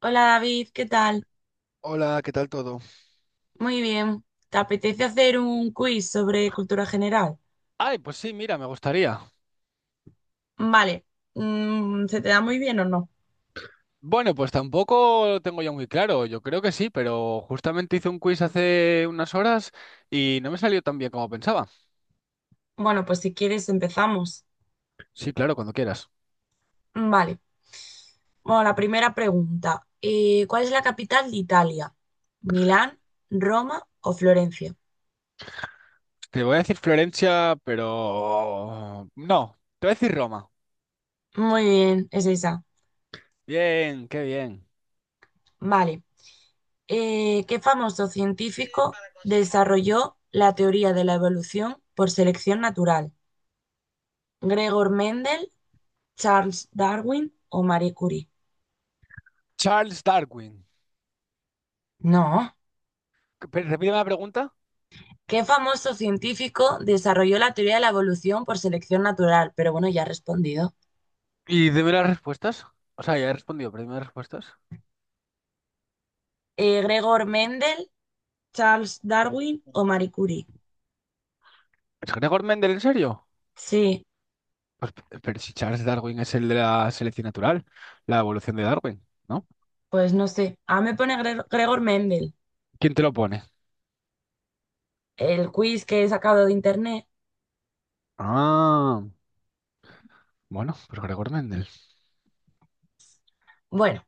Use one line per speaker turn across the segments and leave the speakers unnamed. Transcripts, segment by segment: Hola David, ¿qué tal?
Hola, ¿qué tal todo?
Muy bien. ¿Te apetece hacer un quiz sobre cultura general?
Ay, pues sí, mira, me gustaría.
Vale. ¿Se te da muy bien o no?
Bueno, pues tampoco lo tengo ya muy claro. Yo creo que sí, pero justamente hice un quiz hace unas horas y no me salió tan bien como pensaba.
Bueno, pues si quieres empezamos.
Sí, claro, cuando quieras.
Vale. Bueno, la primera pregunta. ¿Cuál es la capital de Italia? ¿Milán, Roma o Florencia?
Te voy a decir Florencia, pero no, te voy a decir Roma.
Muy bien, es esa.
Bien, qué bien.
Vale. ¿Qué famoso científico desarrolló la teoría de la evolución por selección natural? ¿Gregor Mendel, Charles Darwin o Marie Curie?
Charles Darwin.
No.
Repíteme la pregunta
¿Qué famoso científico desarrolló la teoría de la evolución por selección natural? Pero bueno, ya he respondido.
y dime las respuestas. O sea, ya he respondido, pero dime las respuestas.
¿Gregor Mendel, Charles Darwin o Marie Curie?
¿Es Gregor Mendel, en serio?
Sí,
Pues, pero si Charles Darwin es el de la selección natural, la evolución de Darwin, ¿no?
pues no sé. A me pone Gregor Mendel,
¿Quién te lo pone?
el quiz que he sacado de internet.
Ah, bueno, pues Gregor Mendel.
Bueno,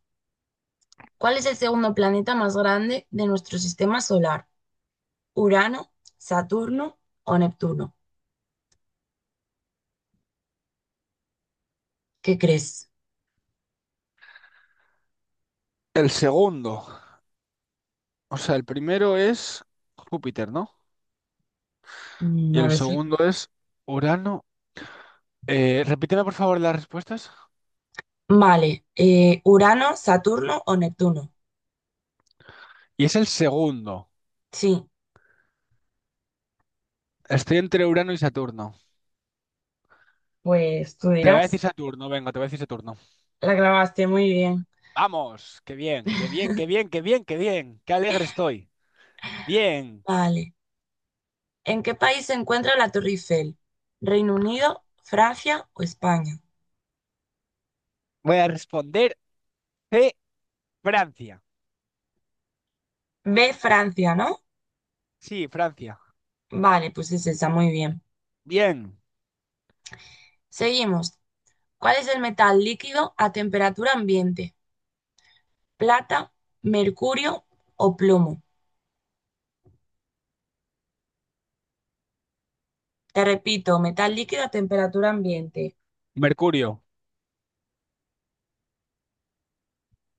¿cuál es el segundo planeta más grande de nuestro sistema solar? ¿Urano, Saturno o Neptuno? ¿Qué crees?
El segundo, o sea, el primero es Júpiter, ¿no? Y
No
el
lo sé.
segundo es Urano. Repíteme por favor las respuestas.
Vale, ¿Urano, Saturno o Neptuno?
Y es el segundo.
Sí.
Estoy entre Urano y Saturno.
Pues tú
Te voy a decir
dirás,
Saturno, venga, te voy a decir Saturno.
la grabaste muy bien.
Vamos, qué bien, qué bien, qué bien, qué bien, qué bien. Qué alegre estoy. Bien,
Vale. ¿En qué país se encuentra la Torre Eiffel? ¿Reino Unido, Francia o España?
voy a responder C, Francia.
B, Francia, ¿no?
Sí, Francia.
Vale, pues es esa, muy bien.
Bien,
Seguimos. ¿Cuál es el metal líquido a temperatura ambiente? ¿Plata, mercurio o plomo? Te repito, metal líquido a temperatura ambiente.
Mercurio.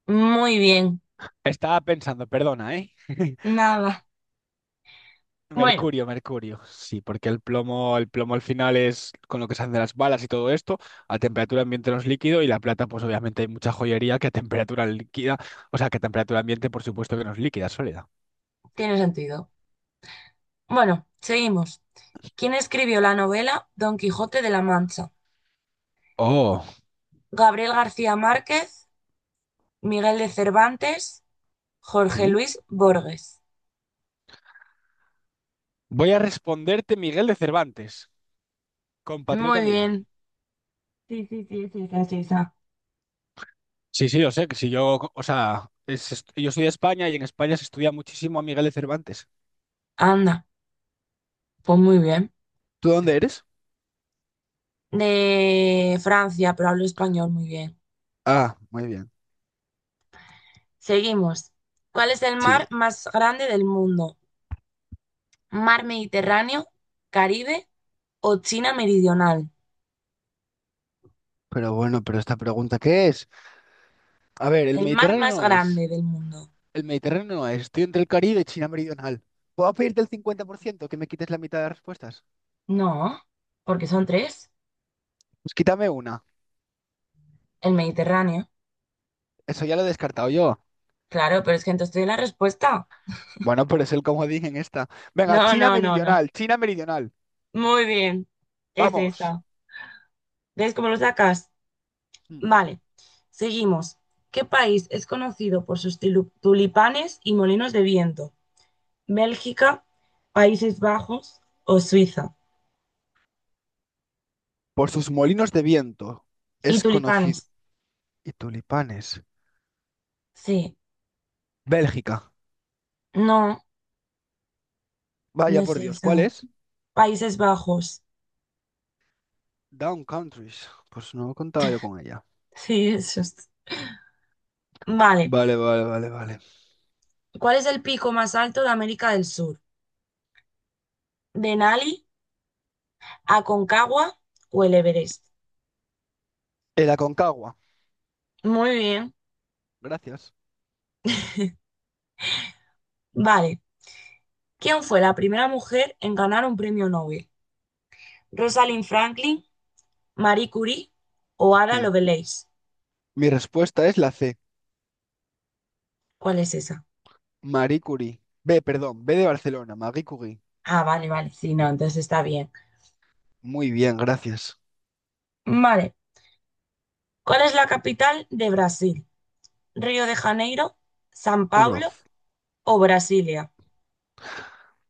Muy bien,
Estaba pensando, perdona, ¿eh?
nada. Bueno,
Mercurio, Mercurio. Sí, porque el plomo al final es con lo que se hacen las balas y todo esto. A temperatura ambiente no es líquido y la plata, pues obviamente hay mucha joyería que a temperatura líquida, o sea, que a temperatura ambiente, por supuesto que no es líquida, es sólida.
tiene sentido. Bueno, seguimos. ¿Quién escribió la novela Don Quijote de la Mancha?
Oh,
Gabriel García Márquez, Miguel de Cervantes, Jorge
¿Mm?
Luis Borges.
voy a responderte Miguel de Cervantes,
Muy
compatriota mío.
bien. Sí, sí, sí, sí, sí, sí, sí.
Sí, sí, yo sé que si yo, o sea, yo soy de España y en España se estudia muchísimo a Miguel de Cervantes.
Anda, pues muy bien.
¿Tú dónde eres?
De Francia, pero hablo español muy bien.
Ah, muy bien.
Seguimos. ¿Cuál es el
Sí.
mar más grande del mundo? ¿Mar Mediterráneo, Caribe o China Meridional?
Pero bueno, pero esta pregunta, ¿qué es? A ver, el
El mar
Mediterráneo
más
no es.
grande del mundo.
El Mediterráneo no es. Estoy entre el Caribe y China Meridional. ¿Puedo pedirte el 50% que me quites la mitad de las respuestas?
No, porque son tres.
Pues quítame una.
El Mediterráneo.
Eso ya lo he descartado yo.
Claro, pero es que entonces te di la respuesta.
Bueno, pero es el comodín en esta. Venga,
No,
China
no, no, no.
Meridional, China Meridional.
Muy bien. Es
Vamos.
esa. ¿Ves cómo lo sacas?
Mm.
Vale. Seguimos. ¿Qué país es conocido por sus tulipanes y molinos de viento? ¿Bélgica, Países Bajos o Suiza?
Por sus molinos de viento
¿Y
es conocido.
tulipanes?
Y tulipanes.
Sí.
Bélgica.
No, no
Vaya
es
por Dios, ¿cuál
esa.
es?
Países Bajos.
Down Countries. Pues no contaba yo con ella.
Sí, eso es. Vale.
Vale, vale, vale, vale.
¿Cuál es el pico más alto de América del Sur? ¿Denali, Aconcagua o el Everest?
El Aconcagua.
Muy bien.
Gracias.
Vale. ¿Quién fue la primera mujer en ganar un premio Nobel? ¿Rosalind Franklin, Marie Curie o Ada
Mm.
Lovelace?
Mi respuesta es la C,
¿Cuál es esa?
Marie Curie. B, perdón, B de Barcelona, Marie Curie.
Ah, vale, vale. Sí, no, entonces está bien.
Muy bien, gracias.
Vale. ¿Cuál es la capital de Brasil? ¿Río de Janeiro, San Pablo
Obroz.
o Brasilia?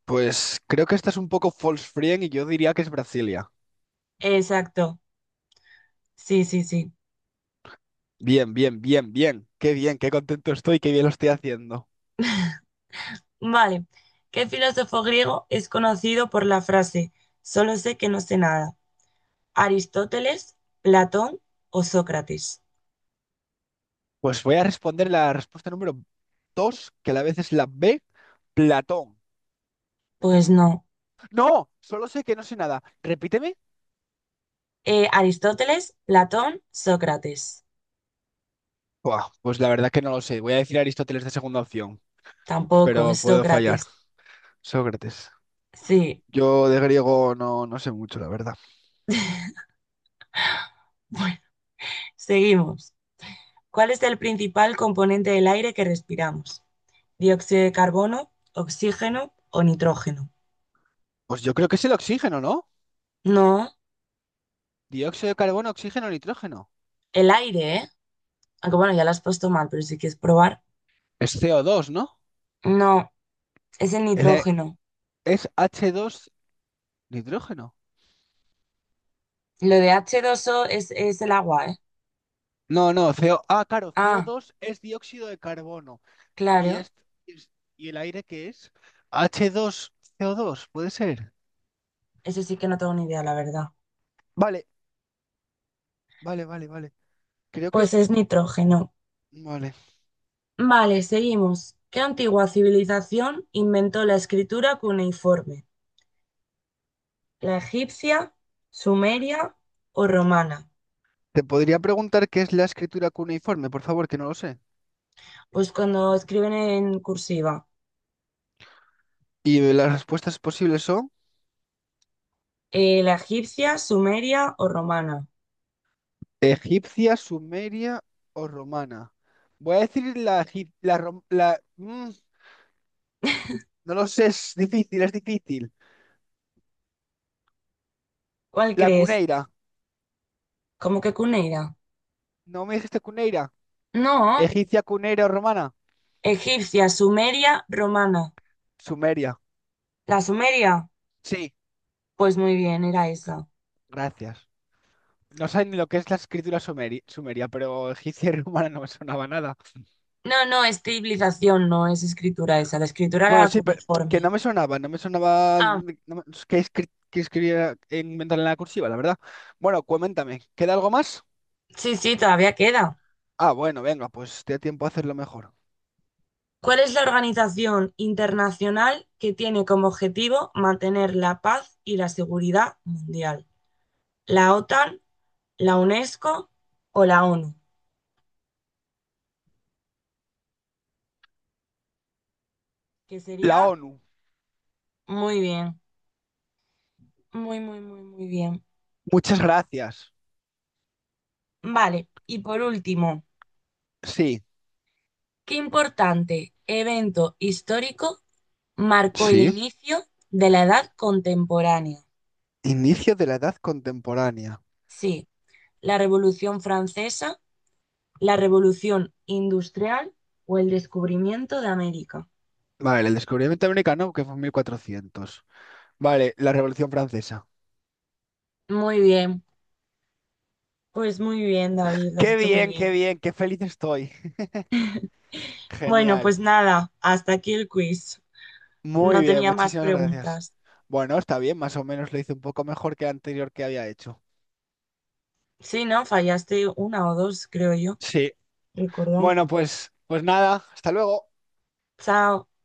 Pues creo que esta es un poco false friend y yo diría que es Brasilia.
Exacto. Sí, sí, sí.
Bien, bien, bien, bien. Qué bien, qué contento estoy, qué bien lo estoy haciendo.
Vale. ¿Qué filósofo griego es conocido por la frase solo sé que no sé nada? ¿Aristóteles, Platón o Sócrates?
Pues voy a responder la respuesta número 2, que a la vez es la B, Platón.
Pues no.
No, solo sé que no sé nada. Repíteme.
Aristóteles, Platón, Sócrates.
Buah, pues la verdad que no lo sé. Voy a decir Aristóteles de segunda opción,
Tampoco,
pero
es
puedo fallar.
Sócrates.
Sócrates.
Sí.
Yo de griego no, no sé mucho, la verdad.
Bueno, seguimos. ¿Cuál es el principal componente del aire que respiramos? ¿Dióxido de carbono, oxígeno o nitrógeno?
Pues yo creo que es el oxígeno, ¿no?
No,
Dióxido de carbono, oxígeno, nitrógeno.
el aire, ¿eh? Aunque bueno, ya lo has puesto mal, pero si quieres probar.
Es CO2, ¿no?
No, es el
El e-
nitrógeno.
es H2 nitrógeno.
Lo de h dos o es el agua, ¿eh?
No, no, CO... Ah, claro,
Ah,
CO2 es dióxido de carbono. ¿Y,
claro.
es- y el aire qué es? H2, CO2, puede ser.
Eso sí que no tengo ni idea, la verdad.
Vale, vale, vale, vale. Creo que.
Pues es nitrógeno.
Vale.
Vale, seguimos. ¿Qué antigua civilización inventó la escritura cuneiforme? ¿La egipcia, sumeria o romana?
Te podría preguntar qué es la escritura cuneiforme, por favor, que no lo sé.
Pues cuando escriben en cursiva,
Y las respuestas posibles son.
la egipcia, sumeria o romana.
Egipcia, sumeria o romana. Voy a decir la, egip- la, rom- la- mm, no lo sé, es difícil, es difícil.
¿Cuál
La
crees?
cuneira.
¿Cómo que cuneira?
¿No me dijiste cuneira?
No,
Egipcia, cuneira o romana.
egipcia, sumeria, romana.
Sumeria.
¿La sumeria?
Sí,
Pues muy bien, era esa.
gracias. No sé ni lo que es la escritura sumeria, pero egipcia y romana no me sonaba nada.
No, no, es civilización, no es escritura esa. La escritura
Bueno,
era
sí, pero que
cuneiforme.
no me sonaba, no me sonaba
Ah,
de- no me- que, escri- que escribiera inventar en la cursiva, la verdad. Bueno, coméntame, ¿queda algo más?
sí, sí, todavía queda.
Ah, bueno, venga, pues te da tiempo a hacerlo mejor.
¿Cuál es la organización internacional que tiene como objetivo mantener la paz y la seguridad mundial? ¿La OTAN, la UNESCO o la ONU? Que sería
La ONU.
muy bien, muy, muy, muy, muy bien.
Muchas gracias.
Vale, y por último,
Sí,
¿qué importante evento histórico marcó el
sí.
inicio de la Edad Contemporánea?
Inicio de la edad contemporánea.
Sí, la Revolución Francesa, la Revolución Industrial o el descubrimiento de América.
Vale, el descubrimiento americano que fue en 1400. Vale, la Revolución Francesa.
Muy bien, pues muy bien, David, lo has
Qué
hecho muy
bien, qué
bien.
bien, qué feliz estoy.
Bueno,
Genial.
pues nada, hasta aquí el quiz.
Muy
No
bien,
tenía más
muchísimas gracias.
preguntas.
Bueno, está bien, más o menos lo hice un poco mejor que el anterior que había hecho.
Sí, ¿no? Fallaste una o dos, creo yo.
Sí.
Recordar.
Bueno, pues nada, hasta luego.
Chao.